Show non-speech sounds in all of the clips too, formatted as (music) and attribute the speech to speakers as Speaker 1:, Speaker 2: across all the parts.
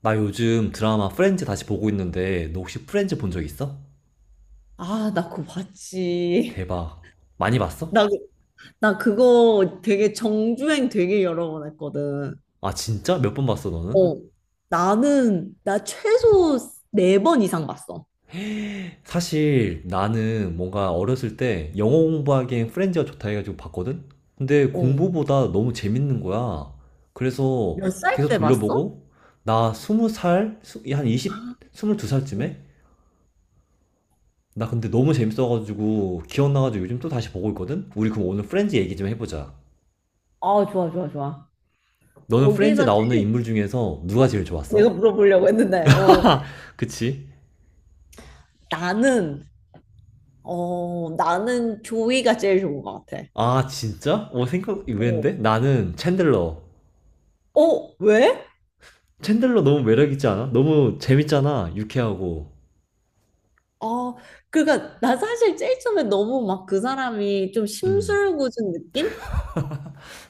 Speaker 1: 나 요즘 드라마 프렌즈 다시 보고 있는데 너 혹시 프렌즈 본 적 있어?
Speaker 2: 아, 나 그거 봤지. (laughs)
Speaker 1: 대박. 많이 봤어?
Speaker 2: 나, 그- 나 그거 되게 정주행 되게 여러 번 했거든.
Speaker 1: 아 진짜? 몇 번 봤어 너는?
Speaker 2: 어. 나 최소 4번 이상 봤어.
Speaker 1: 사실 나는 뭔가 어렸을 때 영어 공부하기엔 프렌즈가 좋다 해가지고 봤거든? 근데
Speaker 2: 어.
Speaker 1: 공부보다 너무 재밌는 거야. 그래서
Speaker 2: 몇 살
Speaker 1: 계속
Speaker 2: 때 봤어?
Speaker 1: 돌려보고 나 스무 살, 한 20,
Speaker 2: 아, 응.
Speaker 1: 22살쯤에? 나 근데 너무 재밌어가지고 기억나가지고 요즘 또 다시 보고 있거든? 우리 그럼 오늘 프렌즈 얘기 좀 해보자.
Speaker 2: 아, 좋아, 좋아, 좋아.
Speaker 1: 너는 프렌즈
Speaker 2: 거기서
Speaker 1: 나오는
Speaker 2: 제일
Speaker 1: 인물 중에서 누가 제일
Speaker 2: 내가
Speaker 1: 좋았어?
Speaker 2: 물어보려고 했는데,
Speaker 1: (laughs) 그치?
Speaker 2: 나는, 나는 조이가 제일 좋은 것 같아.
Speaker 1: 아, 진짜?
Speaker 2: 어,
Speaker 1: 의외인데? 나는 챈들러.
Speaker 2: 어, 왜?
Speaker 1: 챈들러 너무 매력있지 않아? 너무 재밌잖아. 유쾌하고.
Speaker 2: 아, 그러니까 나 사실 제일 처음에 너무 막 그 사람이 좀
Speaker 1: 음.
Speaker 2: 심술궂은 느낌?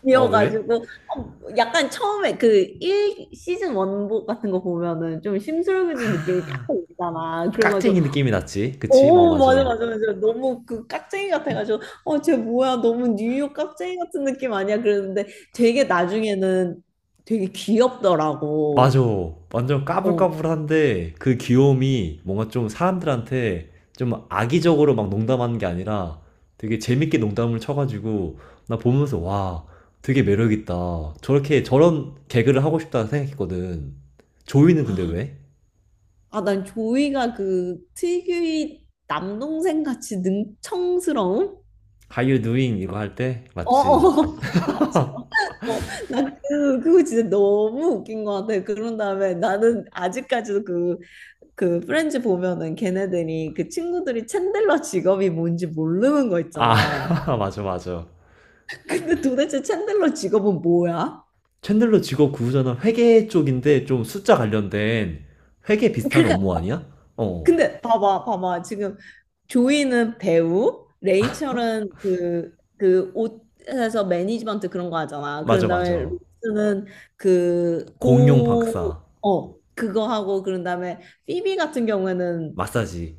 Speaker 1: 어, 왜?
Speaker 2: 이어가지고 어, 약간 처음에 그 1 시즌 원복 같은 거 보면은 좀 심술궂은 느낌이
Speaker 1: 아,
Speaker 2: 약간 있잖아. 그래가지고
Speaker 1: 깍쟁이 느낌이 났지. 그치? 어,
Speaker 2: 오, 맞아,
Speaker 1: 맞아.
Speaker 2: 맞아, 맞아. 너무 그 깍쟁이 같아가지고 어쟤 뭐야, 너무 뉴욕 깍쟁이 같은 느낌 아니야 그랬는데 되게 나중에는 되게 귀엽더라고.
Speaker 1: 맞아. 완전
Speaker 2: 어.
Speaker 1: 까불까불한데 그 귀여움이 뭔가 좀 사람들한테 좀 악의적으로 막 농담하는 게 아니라 되게 재밌게 농담을 쳐가지고 나 보면서 와, 되게 매력있다. 저렇게 저런 개그를 하고 싶다 생각했거든. 조이는 근데
Speaker 2: 아,
Speaker 1: 왜?
Speaker 2: 아, 난 조이가 그 특유의 남동생 같이 능청스러움?
Speaker 1: How you doing? 이거 할 때?
Speaker 2: 어, 어,
Speaker 1: 맞지?
Speaker 2: (laughs) 맞아. 어, 나 그거 진짜 너무 웃긴 것 같아. 그런 다음에 나는 아직까지도 그 프렌즈 보면은 걔네들이 그 친구들이 챈들러 직업이 뭔지 모르는 거
Speaker 1: 아,
Speaker 2: 있잖아.
Speaker 1: (laughs) 맞아, 맞아.
Speaker 2: 근데 도대체 챈들러 직업은 뭐야?
Speaker 1: 챈들러 직업 구조는 회계 쪽인데 좀 숫자 관련된 회계 비슷한
Speaker 2: 그러니까
Speaker 1: 업무 아니야? 어,
Speaker 2: 근데 봐봐, 봐봐. 지금 조이는 배우, 레이첼은 그 옷에서 매니지먼트 그런 거 하잖아.
Speaker 1: 맞아,
Speaker 2: 그런 다음에
Speaker 1: 맞아.
Speaker 2: 루스는 그,
Speaker 1: 공룡
Speaker 2: 고,
Speaker 1: 박사.
Speaker 2: 어, 그거 하고, 그런 다음에 피비 같은 경우에는
Speaker 1: 마사지.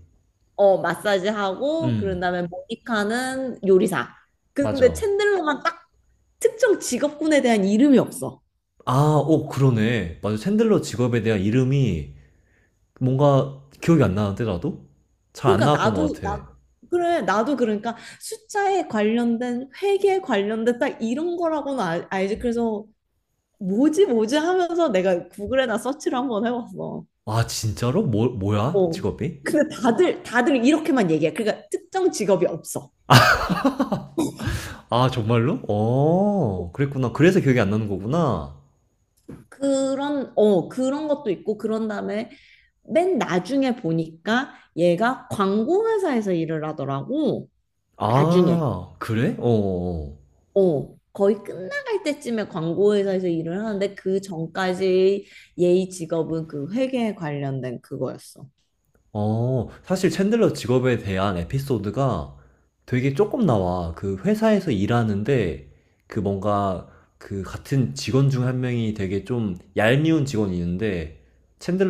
Speaker 2: 어, 마사지 하고, 그런
Speaker 1: 음,
Speaker 2: 다음에 모니카는 요리사. 근데
Speaker 1: 맞아.
Speaker 2: 챈들러만 딱 특정 직업군에 대한 이름이 없어.
Speaker 1: 아, 오, 그러네. 맞아. 챈들러 직업에 대한 이름이 뭔가 기억이 안 나는데, 나도? 잘 안
Speaker 2: 그러니까
Speaker 1: 나왔던 것
Speaker 2: 나도
Speaker 1: 같아.
Speaker 2: 나 그래 나도 그러니까 숫자에 관련된 회계에 관련된 딱 이런 거라고는 알지. 그래서 뭐지 뭐지 하면서 내가 구글에나 서치를 한번 해봤어.
Speaker 1: 아, 진짜로? 뭐, 뭐야?
Speaker 2: 어,
Speaker 1: 직업이?
Speaker 2: 근데 다들 다들 이렇게만 얘기해. 그러니까 특정 직업이 없어.
Speaker 1: 아, 정말로? 어, 그랬구나. 그래서 기억이 안 나는 거구나.
Speaker 2: 그런 것도 있고, 그런 다음에 맨 나중에 보니까 얘가 광고 회사에서 일을 하더라고. 나중에
Speaker 1: 아, 그래? 어, 어. 어.
Speaker 2: 어, 거의 끝나갈 때쯤에 광고회사에서 일을 하는데, 그 전까지 예의 직업은 그 회계에 관련된 그거였어.
Speaker 1: 어, 사실 챈들러 직업에 대한 에피소드가 되게 조금 나와. 그 회사에서 일하는데 그 뭔가 그 같은 직원 중 한 명이 되게 좀 얄미운 직원이 있는데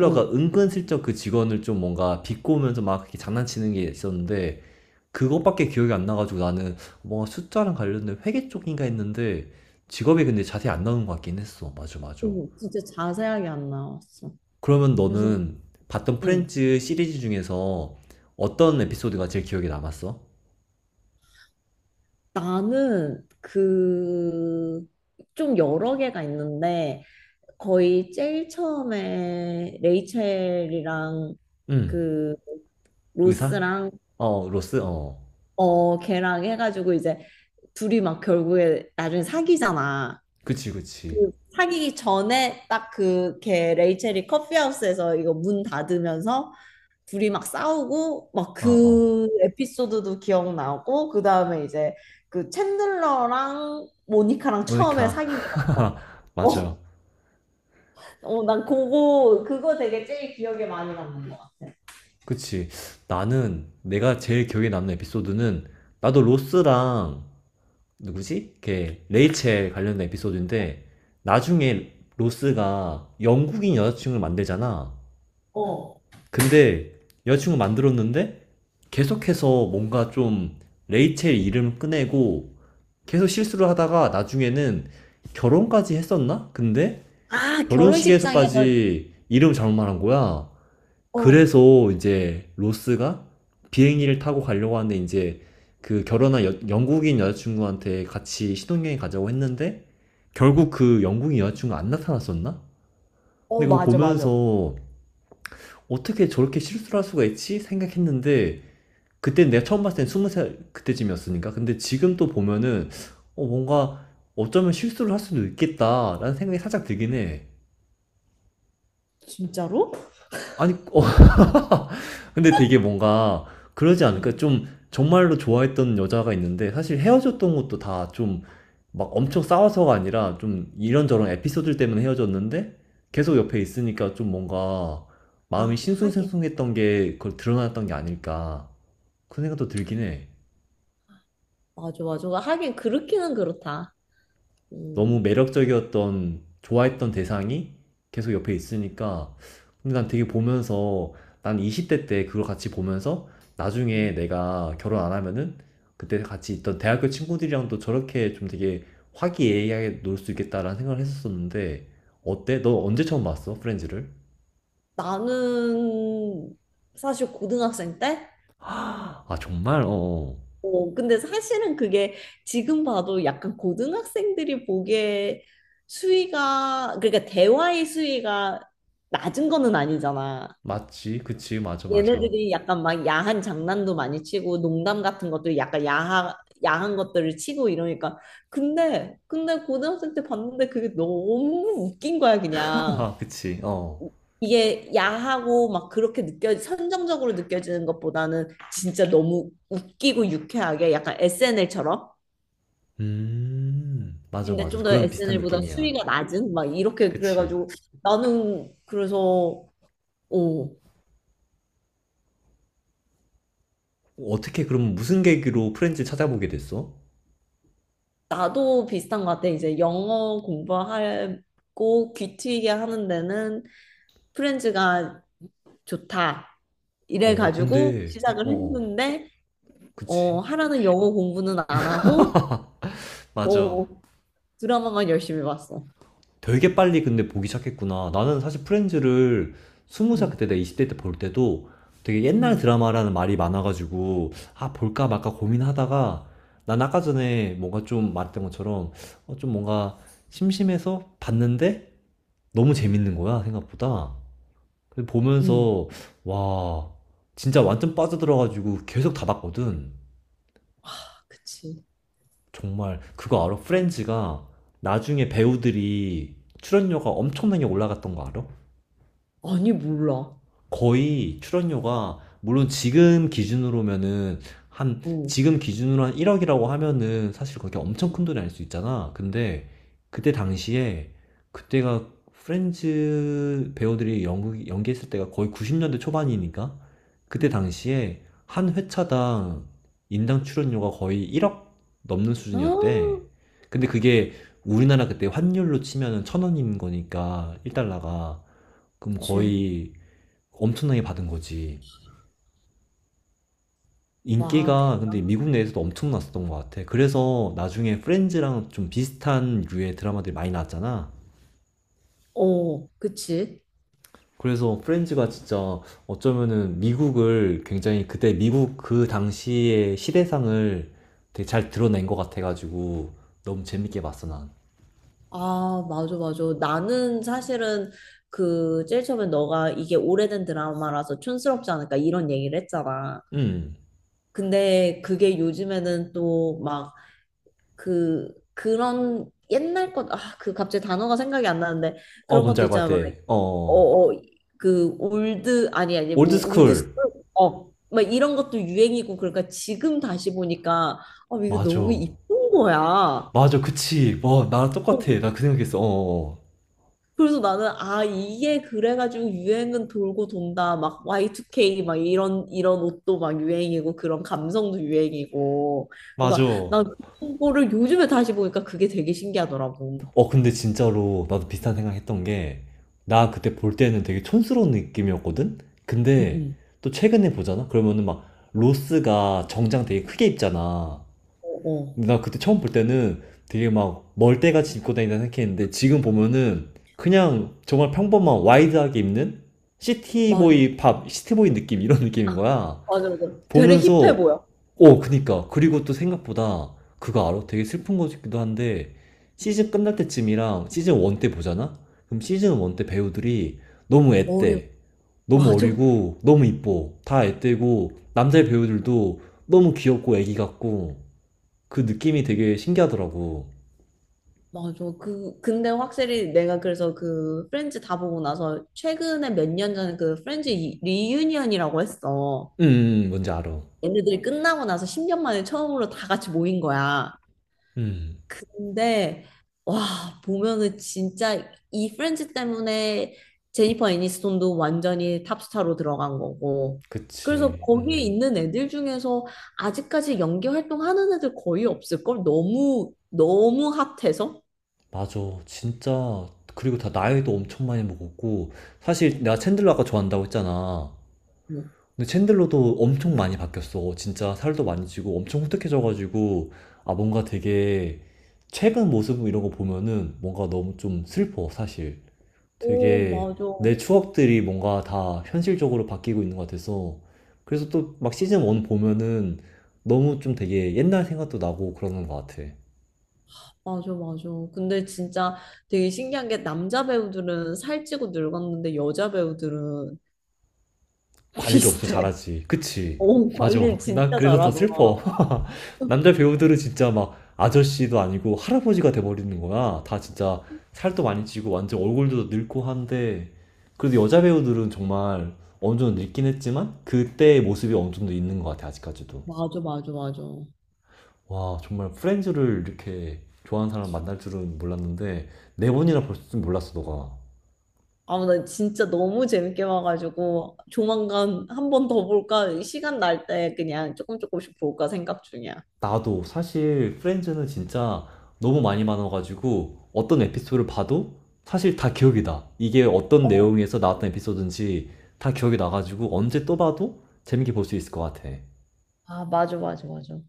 Speaker 2: 어, 어,
Speaker 1: 은근슬쩍 그 직원을 좀 뭔가 비꼬면서 막 이렇게 장난치는 게 있었는데 그것밖에 기억이 안 나가지고 나는 뭔가 숫자랑 관련된 회계 쪽인가 했는데 직업이 근데 자세히 안 나오는 것 같긴 했어. 맞아, 맞아.
Speaker 2: 진짜 자세하게 안 나왔어.
Speaker 1: 그러면
Speaker 2: 그래서
Speaker 1: 너는 봤던
Speaker 2: 음,
Speaker 1: 프렌즈 시리즈 중에서 어떤 에피소드가 제일 기억에 남았어?
Speaker 2: 나는 그 좀 여러 개가 있는데 거의 제일 처음에 레이첼이랑
Speaker 1: 응.
Speaker 2: 그
Speaker 1: 의사?
Speaker 2: 로스랑
Speaker 1: 어, 로스? 어.
Speaker 2: 어 걔랑 해가지고 이제 둘이 막 결국에 나중에 사귀잖아.
Speaker 1: 그치, 그치.
Speaker 2: 그 사귀기 전에 딱 그 걔 레이첼이 커피하우스에서 이거 문 닫으면서 둘이 막 싸우고 막
Speaker 1: 어, 어.
Speaker 2: 그 에피소드도 기억나고, 그 다음에 이제 그 챈들러랑 모니카랑 처음에
Speaker 1: 모니카.
Speaker 2: 사귀게 된 거.
Speaker 1: (laughs) 맞아.
Speaker 2: 어, 어, 난 그거 되게 제일 기억에 많이 남는 것 같아.
Speaker 1: 그치. 나는 내가 제일 기억에 남는 에피소드는 나도 로스랑 누구지? 걔 레이첼 관련된 에피소드인데 나중에 로스가 영국인 여자친구를 만들잖아.
Speaker 2: 어.
Speaker 1: 근데 여자친구 만들었는데 계속해서 뭔가 좀 레이첼 이름 꺼내고 계속 실수를 하다가 나중에는 결혼까지 했었나? 근데
Speaker 2: 아, 결혼식장에서.
Speaker 1: 결혼식에서까지 이름 잘못 말한 거야.
Speaker 2: 어,
Speaker 1: 그래서 이제 로스가 비행기를 타고 가려고 하는데 이제 그 결혼한 영국인 여자친구한테 같이 신혼여행 가자고 했는데 결국 그 영국인 여자친구 안 나타났었나? 근데
Speaker 2: 어,
Speaker 1: 그거
Speaker 2: 맞아, 맞아.
Speaker 1: 보면서 어떻게 저렇게 실수를 할 수가 있지? 생각했는데 그때 내가 처음 봤을 땐 20살 그때쯤이었으니까. 근데 지금 또 보면은 어, 뭔가 어쩌면 실수를 할 수도 있겠다라는 생각이 살짝 들긴 해.
Speaker 2: 진짜로?
Speaker 1: 아니, 어, (laughs) 근데 되게 뭔가 그러지 않을까?
Speaker 2: 음.
Speaker 1: 좀 정말로 좋아했던 여자가 있는데 사실 헤어졌던 것도 다 좀 막 엄청 싸워서가 아니라 좀 이런저런 에피소드 때문에 헤어졌는데 계속 옆에 있으니까 좀 뭔가 마음이
Speaker 2: 아, 하긴.
Speaker 1: 싱숭생숭했던 게 그걸 드러났던 게 아닐까. 그 생각도 들긴 해.
Speaker 2: 맞아, 맞아. 하긴 그렇기는 그렇다.
Speaker 1: 너무
Speaker 2: 음.
Speaker 1: 매력적이었던 좋아했던 대상이 계속 옆에 있으니까 근데 난 되게 보면서 난 20대 때 그걸 같이 보면서 나중에
Speaker 2: 음.
Speaker 1: 내가 결혼 안 하면은 그때 같이 있던 대학교 친구들이랑도 저렇게 좀 되게 화기애애하게 놀 수 있겠다라는 생각을 했었었는데 어때? 너 언제 처음 봤어? 프렌즈를?
Speaker 2: 나는 사실 고등학생 때?
Speaker 1: 아 정말? 어, 어
Speaker 2: 어, 근데 사실은 그게 지금 봐도 약간 고등학생들이 보기에 수위가, 그러니까 대화의 수위가 낮은 거는 아니잖아.
Speaker 1: 맞지 그치 맞아 맞아
Speaker 2: 얘네들이 약간 막 야한 장난도 많이 치고 농담 같은 것도 약간 야한 것들을 치고 이러니까. 근데 고등학생 때 봤는데 그게 너무 웃긴 거야, 그냥.
Speaker 1: (laughs) 그치 어
Speaker 2: 이게 야하고 막 그렇게 느껴 선정적으로 느껴지는 것보다는 진짜 너무 웃기고 유쾌하게 약간 SNL처럼,
Speaker 1: 맞아
Speaker 2: 근데
Speaker 1: 맞아
Speaker 2: 좀 더
Speaker 1: 그런 비슷한
Speaker 2: SNL보다
Speaker 1: 느낌이야
Speaker 2: 수위가 낮은 막 이렇게
Speaker 1: 그치
Speaker 2: 그래가지고 나는 그래서 오,
Speaker 1: 어떻게 그럼 무슨 계기로 프렌즈 찾아보게 됐어?
Speaker 2: 나도 비슷한 것 같아. 이제 영어 공부하고 귀 트이게 하는 데는 프렌즈가 좋다 이래
Speaker 1: 어,
Speaker 2: 가지고
Speaker 1: 근데 어,
Speaker 2: 시작을
Speaker 1: 어,
Speaker 2: 했는데 어
Speaker 1: 그치.
Speaker 2: 하라는 영어 공부는 안 하고
Speaker 1: 맞아.
Speaker 2: 어 드라마만 열심히 봤어.
Speaker 1: 되게 빨리 근데 보기 시작했구나. 나는 사실 프렌즈를 20살 그때
Speaker 2: 음.
Speaker 1: 내가 20대 때 볼 때도 되게 옛날
Speaker 2: 음.
Speaker 1: 드라마라는 말이 많아가지고 아, 볼까 말까 고민하다가 난 아까 전에 뭔가 좀 말했던 것처럼 좀 뭔가 심심해서 봤는데 너무 재밌는 거야, 생각보다. 그래서
Speaker 2: 응.
Speaker 1: 보면서 와, 진짜 완전 빠져들어가지고 계속 다 봤거든.
Speaker 2: 아, 그치.
Speaker 1: 정말 그거 알아?
Speaker 2: 어.
Speaker 1: 프렌즈가 나중에 배우들이 출연료가 엄청나게 올라갔던 거 알아?
Speaker 2: 아니, 몰라.
Speaker 1: 거의 출연료가 물론 지금 기준으로면은 한
Speaker 2: 어.
Speaker 1: 지금 기준으로 한 1억이라고 하면은 사실 그게
Speaker 2: 응,
Speaker 1: 엄청 큰 돈이 아닐 수 있잖아. 근데 그때 당시에 그때가 프렌즈 배우들이 연극 연기했을 때가 거의 90년대 초반이니까 그때
Speaker 2: 응.
Speaker 1: 당시에 한 회차당 인당 출연료가 거의 1억 넘는 수준이었대.
Speaker 2: 아,
Speaker 1: 근데 그게 우리나라 그때 환율로 치면은 천 원인 거니까 1달러가 그럼
Speaker 2: 그치.
Speaker 1: 거의 엄청나게 받은 거지.
Speaker 2: 와, 대
Speaker 1: 인기가 근데 미국 내에서도 엄청났었던 것 같아. 그래서 나중에 프렌즈랑 좀 비슷한 류의 드라마들이 많이 나왔잖아.
Speaker 2: 어, 그치.
Speaker 1: 그래서 프렌즈가 진짜 어쩌면은 미국을 굉장히 그때 미국 그 당시의 시대상을 되게 잘 드러낸 것 같아가지고 너무 재밌게 봤어, 난.
Speaker 2: 아, 맞아, 맞아. 나는 사실은 그, 제일 처음에 너가 이게 오래된 드라마라서 촌스럽지 않을까 이런 얘기를 했잖아.
Speaker 1: 음.
Speaker 2: 근데 그게 요즘에는 또 막 그런 옛날 것, 아, 그 갑자기 단어가 생각이 안 나는데
Speaker 1: 어,
Speaker 2: 그런
Speaker 1: 뭔지
Speaker 2: 것도
Speaker 1: 알 것
Speaker 2: 있잖아.
Speaker 1: 같아.
Speaker 2: 막 어,
Speaker 1: 어.
Speaker 2: 어, 그 올드 아니 아니 뭐 올드
Speaker 1: 올드스쿨.
Speaker 2: 스쿨, 어, 막 이런 것도 유행이고, 그러니까 지금 다시 보니까 어, 이거 너무
Speaker 1: 맞아.
Speaker 2: 이쁜 거야. 어.
Speaker 1: 맞아, 그치. 와, 나랑 똑같아. 나 그 생각했어. 어. 어, 어.
Speaker 2: 그래서 나는 아 이게 그래가지고 유행은 돌고 돈다. 막 Y2K 막 이런 이런 옷도 막 유행이고 그런 감성도 유행이고,
Speaker 1: 맞아.
Speaker 2: 그러니까 난 그런 거를 요즘에 다시 보니까 그게 되게 신기하더라고.
Speaker 1: 어, 근데 진짜로 나도 비슷한 생각 했던 게, 나 그때 볼 때는 되게 촌스러운 느낌이었거든?
Speaker 2: 응,
Speaker 1: 근데
Speaker 2: 응.
Speaker 1: 또 최근에 보잖아? 그러면은 막 로스가 정장 되게 크게 입잖아.
Speaker 2: 어, 어.
Speaker 1: 근데 나 그때 처음 볼 때는 되게 막 멀대같이 입고 다닌다 생각했는데 지금 보면은 그냥 정말 평범한 와이드하게 입는
Speaker 2: 맞아.
Speaker 1: 시티보이 팝, 시티보이 느낌, 이런
Speaker 2: 아,
Speaker 1: 느낌인 거야.
Speaker 2: 맞아, 맞아. 되레 힙해
Speaker 1: 보면서
Speaker 2: 보여.
Speaker 1: 어 그니까 그리고 또 생각보다 그거 알아? 되게 슬픈 거기도 한데 시즌 끝날 때쯤이랑 시즌 1 때 보잖아? 그럼 시즌 1 때 배우들이 너무
Speaker 2: 어려.
Speaker 1: 앳돼 너무
Speaker 2: 맞아.
Speaker 1: 어리고 너무 이뻐 다 앳되고 남자 배우들도 너무 귀엽고 애기 같고 그 느낌이 되게 신기하더라고
Speaker 2: 맞아. 근데 확실히 내가 그래서 그 프렌즈 다 보고 나서 최근에 몇 년 전에 그 프렌즈 리유니언이라고 했어.
Speaker 1: 뭔지 알아
Speaker 2: 얘네들이 끝나고 나서 10년 만에 처음으로 다 같이 모인 거야.
Speaker 1: 음
Speaker 2: 근데, 와, 보면은 진짜 이 프렌즈 때문에 제니퍼 애니스톤도 완전히 탑스타로 들어간 거고. 그래서
Speaker 1: 그치
Speaker 2: 거기에 있는 애들 중에서 아직까지 연기 활동하는 애들 거의 없을걸? 너무, 너무 핫해서?
Speaker 1: 맞아 진짜 그리고 다 나이도 엄청 많이 먹었고 사실 내가 챈들러 아까 좋아한다고 했잖아
Speaker 2: 뭐.
Speaker 1: 근데 챈들러도 엄청 많이 바뀌었어. 진짜 살도 많이 찌고 엄청 후텁해져가지고 아 뭔가 되게 최근 모습 이런 거 보면은 뭔가 너무 좀 슬퍼 사실.
Speaker 2: 오,
Speaker 1: 되게
Speaker 2: 맞아.
Speaker 1: 내 추억들이 뭔가 다 현실적으로 바뀌고 있는 것 같아서 그래서 또 막 시즌 1 보면은 너무 좀 되게 옛날 생각도 나고 그러는 것 같아.
Speaker 2: 맞아, 맞아. 근데 진짜 되게 신기한 게 남자 배우들은 살찌고 늙었는데 여자 배우들은 (laughs)
Speaker 1: 관리를 엄청
Speaker 2: 비슷해.
Speaker 1: 잘하지. 그치?
Speaker 2: 오,
Speaker 1: 맞아.
Speaker 2: 관리를
Speaker 1: 난
Speaker 2: 진짜
Speaker 1: 그래서 더
Speaker 2: 잘하더라.
Speaker 1: 슬퍼. (laughs) 남자 배우들은 진짜 막 아저씨도 아니고 할아버지가 돼버리는 거야. 다 진짜 살도 많이 찌고 완전 얼굴도 늙고 한데 그래도 여자 배우들은 정말 어느 정도 늙긴 했지만 그때의 모습이 어느 정도 있는 것 같아 아직까지도.
Speaker 2: 맞아, 맞아, 맞아.
Speaker 1: 와 정말 프렌즈를 이렇게 좋아하는 사람 만날 줄은 몰랐는데 네 번이나 볼 줄 몰랐어 너가.
Speaker 2: 아, 나 진짜 너무 재밌게 봐가지고 조만간 한 번 더 볼까? 시간 날 때 그냥 조금 조금씩 볼까 생각 중이야.
Speaker 1: 나도 사실 프렌즈는 진짜 너무 많이 많아가지고 어떤 에피소드를 봐도 사실 다 기억이 나. 이게 어떤
Speaker 2: 어,
Speaker 1: 내용에서 나왔던 에피소드인지 다 기억이 나가지고 언제 또 봐도 재밌게 볼 수 있을 것 같아.
Speaker 2: 아, 맞아, 맞아, 맞아.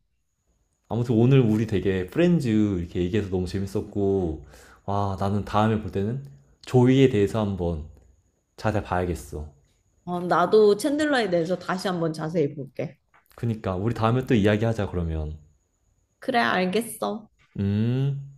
Speaker 1: 아무튼 오늘 우리 되게 프렌즈 이렇게 얘기해서 너무 재밌었고, 와, 나는 다음에 볼 때는 조이에 대해서 한번 자세히 봐야겠어.
Speaker 2: 어, 나도 챈들러에 대해서 다시 한번 자세히 볼게.
Speaker 1: 그니까 우리 다음에 또 이야기하자 그러면.
Speaker 2: 그래, 알겠어.
Speaker 1: 음.